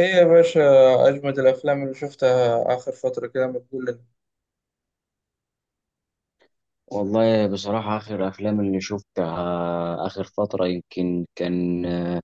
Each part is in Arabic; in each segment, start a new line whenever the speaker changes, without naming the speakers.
ايه يا باشا، اجمد الافلام اللي شفتها اخر فتره كده ما تقول لنا؟
والله بصراحة آخر أفلام اللي شفتها آخر فترة يمكن كان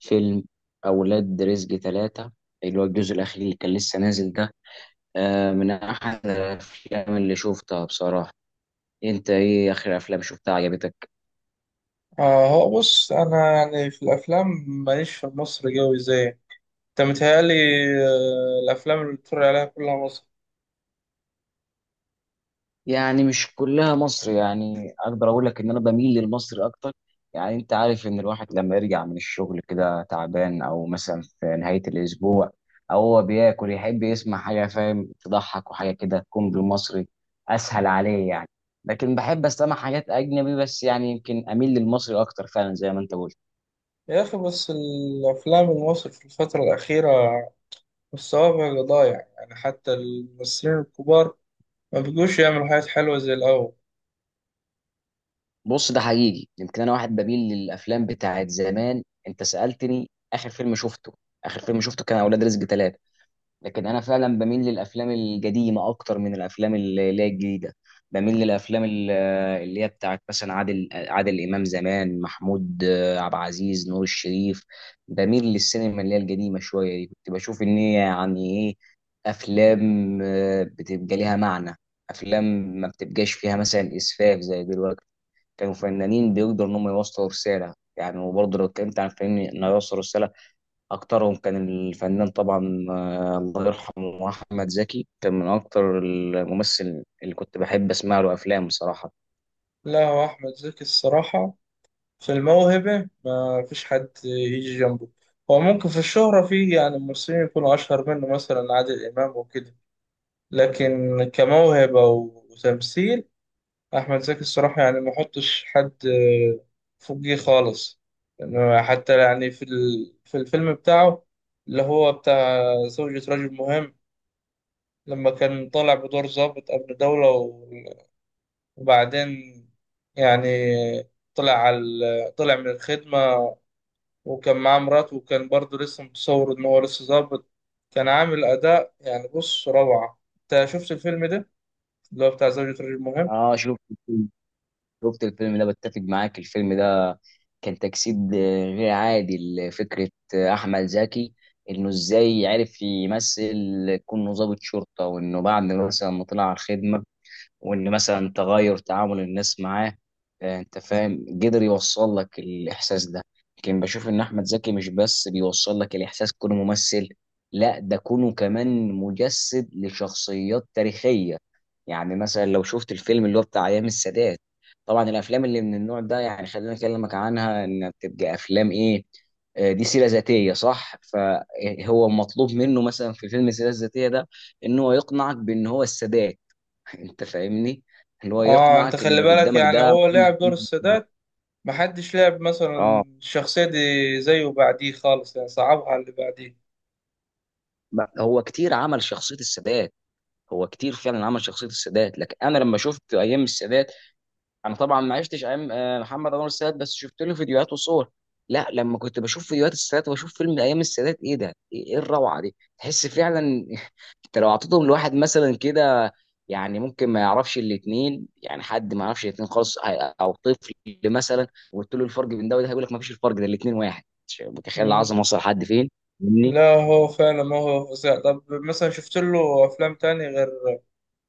فيلم أولاد رزق ثلاثة اللي هو الجزء الأخير اللي كان لسه نازل ده. من أحد الأفلام اللي شفتها بصراحة. أنت إيه آخر أفلام شفتها عجبتك؟
اه هو بص، انا يعني في الافلام ماليش في مصر قوي، زي انت متهيألي. الافلام اللي بتتفرج عليها كلها مصر.
يعني مش كلها مصر، يعني اقدر اقول لك ان انا بميل للمصري اكتر. يعني انت عارف ان الواحد لما يرجع من الشغل كده تعبان او مثلا في نهاية الاسبوع او هو بياكل يحب يسمع حاجة فاهم تضحك وحاجة كده تكون بالمصري، اسهل عليه يعني. لكن بحب استمع حاجات اجنبي، بس يعني يمكن اميل للمصري اكتر فعلا زي ما انت قلت.
يا اخي، بس الافلام المصري في الفتره الاخيره مستواها بقى ضايع، يعني حتى الممثلين الكبار ما بيجوش يعملوا حاجات حلوه زي الاول.
بص، ده حقيقي. يمكن انا واحد بميل للافلام بتاعت زمان. انت سألتني اخر فيلم شفته، اخر فيلم شفته كان اولاد رزق ثلاثة. لكن انا فعلا بميل للافلام القديمه اكتر من الافلام اللي هي الجديده. بميل للافلام اللي هي بتاعت مثلا عادل امام، زمان محمود، عبد العزيز، نور الشريف. بميل للسينما اللي هي القديمه شويه دي، كنت بشوف ان هي يعني ايه، افلام بتبقى ليها معنى. افلام ما بتبقاش فيها مثلا اسفاف زي دلوقتي. كانوا فنانين بيقدروا ان هم يوصلوا رساله يعني، وبرضه لو اتكلمت عن فنان انه يوصل رساله، أكترهم كان الفنان طبعا، الله يرحمه، أحمد زكي كان من أكتر الممثل اللي كنت بحب أسمع له أفلام بصراحة.
لا، هو احمد زكي الصراحه في الموهبة ما فيش حد يجي جنبه. هو ممكن في الشهرة، في يعني ممثلين يكونوا أشهر منه، مثلا عادل إمام وكده، لكن كموهبة وتمثيل أحمد زكي الصراحة يعني ما حطش حد فوقيه خالص. لأنه حتى يعني في الفيلم بتاعه اللي هو بتاع زوجة رجل مهم، لما كان طالع بدور ضابط أمن دولة وبعدين يعني طلع على طلع من الخدمة، وكان معاه مراته، وكان برضه لسه متصور إن هو لسه ظابط، كان عامل أداء، يعني بص روعة. أنت شفت الفيلم ده اللي هو بتاع زوجة رجل مهم؟
آه، شفت الفيلم ده، بتفق معاك. الفيلم ده كان تجسيد غير عادي لفكرة، أحمد زكي، إنه إزاي عرف يمثل كونه ضابط شرطة، وإنه بعد مثلا ما طلع على الخدمة وان مثلا تغير تعامل الناس معاه، انت فاهم، قدر يوصل لك الاحساس ده. لكن بشوف ان احمد زكي مش بس بيوصل لك الاحساس كونه ممثل، لا ده كونه كمان مجسد لشخصيات تاريخية. يعني مثلا لو شفت الفيلم اللي هو بتاع ايام السادات، طبعا الافلام اللي من النوع ده يعني خلينا اكلمك عنها ان بتبقى افلام ايه، دي سيرة ذاتية صح. فهو مطلوب منه مثلا في فيلم السيرة الذاتية ده ان هو يقنعك بان هو السادات. انت فاهمني، اللي هو
آه، أنت
يقنعك ان
خلي
اللي
بالك
قدامك
يعني
ده.
هو لعب دور السادات، محدش لعب
اه،
مثلا الشخصية دي زيه بعديه خالص، يعني صعبها على اللي بعديه.
لا، هو كتير عمل شخصيه السادات. هو كتير فعلا عمل شخصيه السادات، لكن انا لما شفت ايام السادات، انا طبعا ما عشتش ايام محمد انور السادات، بس شفت له فيديوهات وصور. لا، لما كنت بشوف فيديوهات السادات واشوف فيلم ايام السادات، ايه ده، ايه إيه الروعه دي، تحس فعلا. انت لو اعطيتهم لواحد مثلا كده يعني ممكن ما يعرفش الاثنين، يعني حد ما يعرفش الاثنين خالص، او طفل مثلا، وقلت له الفرق بين ده وده هيقول لك ما فيش الفرق، ده الاثنين واحد. مش متخيل
مم.
العظمه وصل لحد فين. فاهمني.
لا، هو فعلا ما هو فظيع. طب مثلا شفت له أفلام تاني غير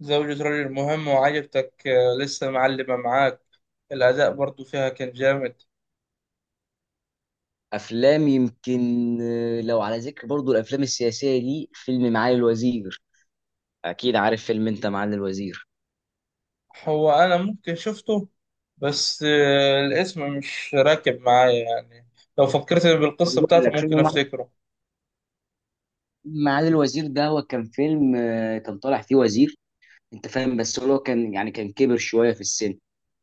زوجة رجل مهم وعجبتك، لسه معلمة معاك الأداء برضو فيها كان جامد؟
افلام يمكن، لو على ذكر برضو الافلام السياسيه دي، فيلم معالي الوزير. اكيد عارف فيلم، انت، معالي الوزير.
هو انا ممكن شفته، بس الاسم مش راكب معايا يعني، لو فكرت بالقصة
بقول
بتاعته
لك
ممكن
فيلم
افتكره.
معالي الوزير ده، هو كان فيلم، كان طالع فيه وزير، انت فاهم، بس هو لو كان يعني كان كبر شويه في السن،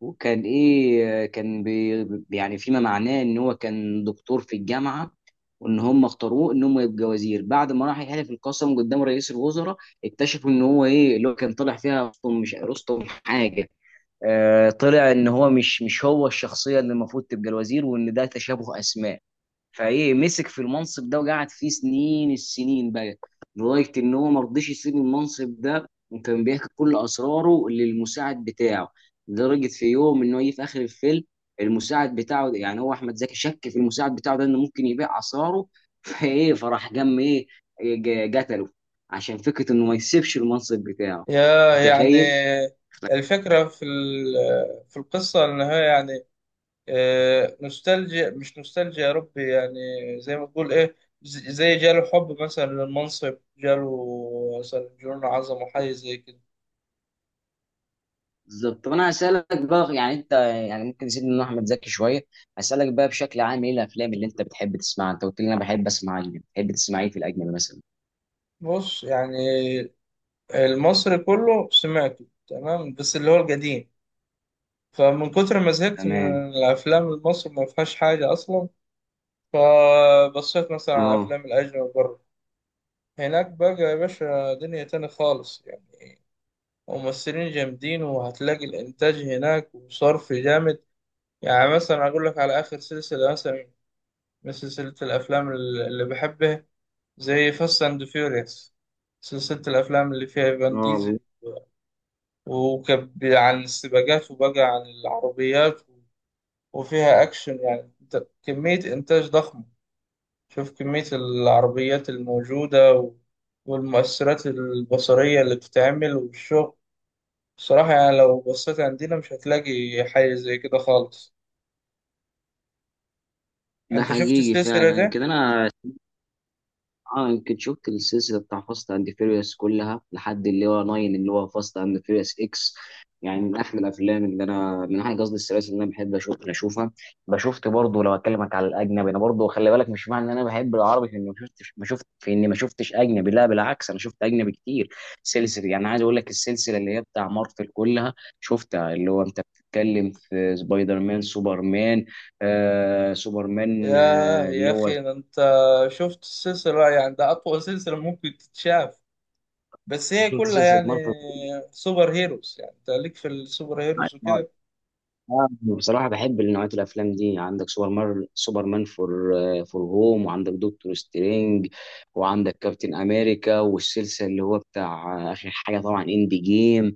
وكان ايه، كان بي يعني فيما معناه ان هو كان دكتور في الجامعه، وان هم اختاروه ان هم يبقى وزير. بعد ما راح يحلف القسم قدام رئيس الوزراء اكتشفوا ان هو ايه اللي هو كان طالع فيها رستم مش رستم حاجه. آه، طلع ان هو مش هو الشخصيه اللي المفروض تبقى الوزير، وان ده تشابه اسماء. فايه مسك في المنصب ده وقعد فيه سنين السنين بقى، لغايه ان هو ما رضيش يسيب المنصب ده. وكان بيحكي كل اسراره للمساعد بتاعه، لدرجه في يوم ان هو جه في اخر الفيلم المساعد بتاعه، يعني هو احمد زكي شك في المساعد بتاعه ده انه ممكن يبيع اسراره. فايه، فراح جم ايه، قتله عشان فكره انه ما يسيبش المنصب بتاعه.
يا يعني
متخيل.
الفكرة في القصة ان هي يعني نوستالجيا، مش نوستالجيا يا ربي يعني، زي ما تقول ايه، زي جاله حب مثلا للمنصب، جاله مثلا جنون عظمة، حاجة زي كده.
بالظبط. طب انا هسألك بقى، يعني انت، يعني ممكن نسيب من احمد زكي شويه. هسألك بقى بشكل عام، ايه الافلام اللي انت بتحب تسمعها؟ انت قلت لي انا بحب اسمع اجنبي، بتحب تسمع ايه في الاجنبي مثلا؟
بص يعني المصري كله سمعته تمام، بس اللي هو القديم، فمن كتر ما زهقت من
تمام.
الأفلام المصري ما فيهاش حاجة أصلا، فبصيت مثلا على
اه،
أفلام الأجنبي بره. هناك بقى يا باشا دنيا تاني خالص يعني، ممثلين جامدين، وهتلاقي الإنتاج هناك وصرف جامد. يعني مثلا أقول لك على آخر سلسلة، مثلا من سلسلة الأفلام اللي بحبها، زي فاست أند فيوريوس، سلسلة الأفلام اللي فيها
اه،
فان
والله.
ديزل، وكان عن السباقات وبقى عن العربيات، وفيها أكشن. يعني كمية إنتاج ضخمة، شوف كمية العربيات الموجودة والمؤثرات البصرية اللي بتتعمل والشغل. بصراحة يعني لو بصيت عندنا مش هتلاقي حاجة زي كده خالص.
ده
أنت شفت
حقيقي
السلسلة
فعلا
دي؟
كده. انا، اه يمكن شفت السلسله بتاع فاست اند فيريوس كلها لحد اللي هو 9، اللي هو فاست اند فيريوس اكس. يعني من احلى الافلام اللي انا من احلى قصدي السلاسل اللي انا بحب اشوفها. بشوفت برضه، لو اكلمك على الاجنبي، انا برضه خلي بالك مش معنى ان انا بحب العربي في اني ما شفتش، ما شفت في اني ما شفتش اجنبي، لا بالعكس، انا شفت اجنبي كتير. سلسله يعني عايز اقول لك السلسله اللي هي بتاع مارفل كلها شفتها، اللي هو انت بتتكلم في سبايدر مان، سوبرمان، سوبرمان،
ياه
اللي
يا
هو،
أخي، ده أنت شفت السلسلة، يعني ده أطول سلسلة ممكن تتشاف، بس هي
شفت
كلها
سلسله
يعني سوبر هيروز. يعني أنت ليك في السوبر هيروز
مارفل.
وكده؟
بصراحة بحب نوعية الأفلام دي. عندك سوبر مان فور، فور هوم، وعندك دكتور سترينج، وعندك كابتن أمريكا، والسلسلة اللي هو بتاع آخر حاجة طبعا إند جيم.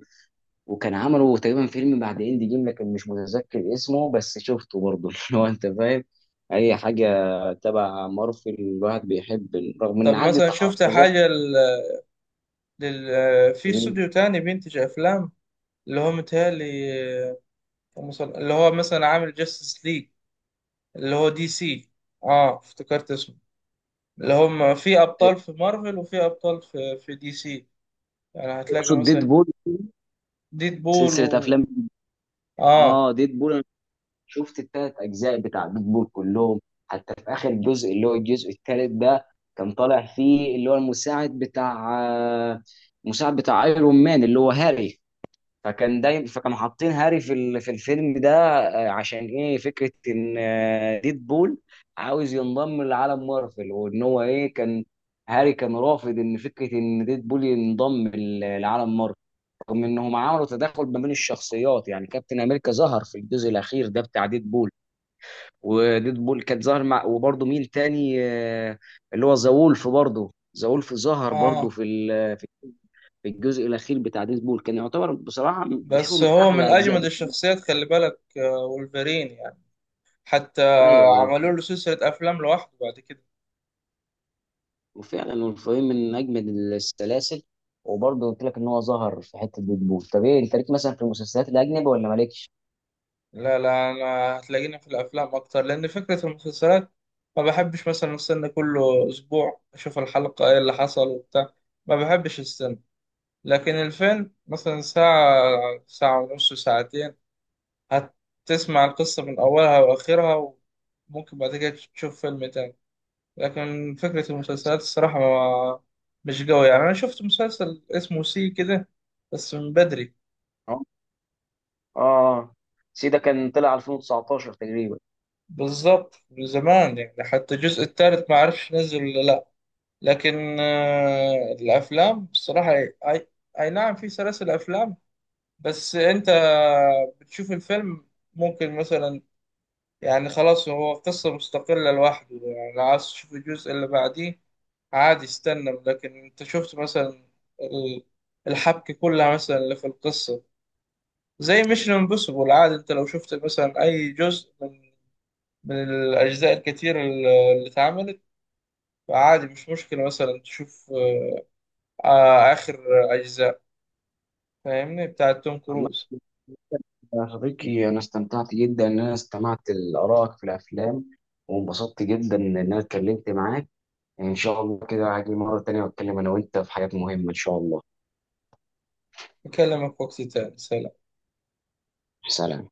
وكان عملوا تقريبا فيلم بعد إند جيم لكن مش متذكر اسمه، بس شفته برضه. اللي هو أنت فاهم، أي حاجة تبع مارفل الواحد بيحب، رغم إن
طب
عندي
مثلا شفت
تحفظات.
حاجة في
من،
استوديو تاني بينتج أفلام، اللي هو متهيألي، آه، اللي هو مثلا عامل جاستس ليج اللي هو دي سي، اه افتكرت اسمه، اللي هم في أبطال في مارفل وفي أبطال في دي سي. يعني هتلاقي
أقصد ديد
مثلا
بول،
ديد بول
سلسلة
و...
أفلام،
اه.
ديد بول. شفت التلات اجزاء بتاع بيت بول كلهم. حتى في اخر جزء اللي هو الجزء التالت ده، كان طالع فيه اللي هو المساعد بتاع ايرون مان اللي هو هاري. فكان دايما، فكانوا حاطين هاري في في الفيلم ده، عشان ايه، فكره ان ديدبول عاوز ينضم لعالم مارفل، وان هو ايه، كان هاري كان رافض ان فكره ان ديدبول ينضم لعالم مارفل. رغم انهم عملوا تداخل ما بين الشخصيات، يعني كابتن امريكا ظهر في الجزء الاخير ده بتاع ديد بول، وديد بول كانت ظاهر مع، وبرضه مين تاني، اللي هو ذا وولف برضه. ذا وولف ظهر برضه
اه،
في ال- في في الجزء الاخير بتاع ديد بول، كان يعتبر بصراحه بشوفه
بس
من
هو من
احلى اجزاء
أجمد
دي.
الشخصيات خلي بالك، وولفرين يعني، حتى
ايوه.
عملوا له سلسلة أفلام لوحده بعد كده.
وفعلا والفيلم من اجمد السلاسل. وبرضه قلت لك ان هو ظهر في حته ديد بول. طب ايه انت ليك مثلا في المسلسلات الاجنبي ولا مالكش؟
لا لا، انا هتلاقيني في الافلام اكتر، لان فكره المسلسلات ما بحبش مثلا استنى كل اسبوع اشوف الحلقه ايه اللي حصل وبتاع، ما بحبش استنى. لكن الفيلم مثلا ساعه، ساعه ونص، ساعتين هتسمع القصه من اولها واخرها، وممكن بعد كده تشوف فيلم تاني. لكن فكره المسلسلات الصراحه ما مش قوي يعني. انا شفت مسلسل اسمه سي كده، بس من بدري
اه، اه، سيدا كان طلع 2019 تقريبا.
بالظبط، من زمان يعني، حتى الجزء الثالث ما عرفش نزل ولا لا. لكن الافلام بصراحه اي نعم في سلاسل افلام، بس انت بتشوف الفيلم ممكن مثلا يعني خلاص، هو قصه مستقله لوحده، يعني لو عايز تشوف الجزء اللي بعديه عادي استنى، لكن انت شفت مثلا ال- الحبكه كلها مثلا اللي في القصه. زي ميشن امبوسيبل، عادي انت لو شفت مثلا اي جزء من من الاجزاء الكتير اللي اتعملت، فعادي مش مشكله مثلا تشوف اخر اجزاء فاهمني بتاعت توم
عم.
كروز.
يا صديقي، أنا استمتعت جدا إن أنا استمعت لآرائك في الأفلام، وانبسطت جدا إن أنا اتكلمت معاك. إن شاء الله كده هاجي مرة تانية وأتكلم أنا وأنت في حاجات مهمة إن شاء الله.
أكلمك وقت تاني، سلام.
سلام.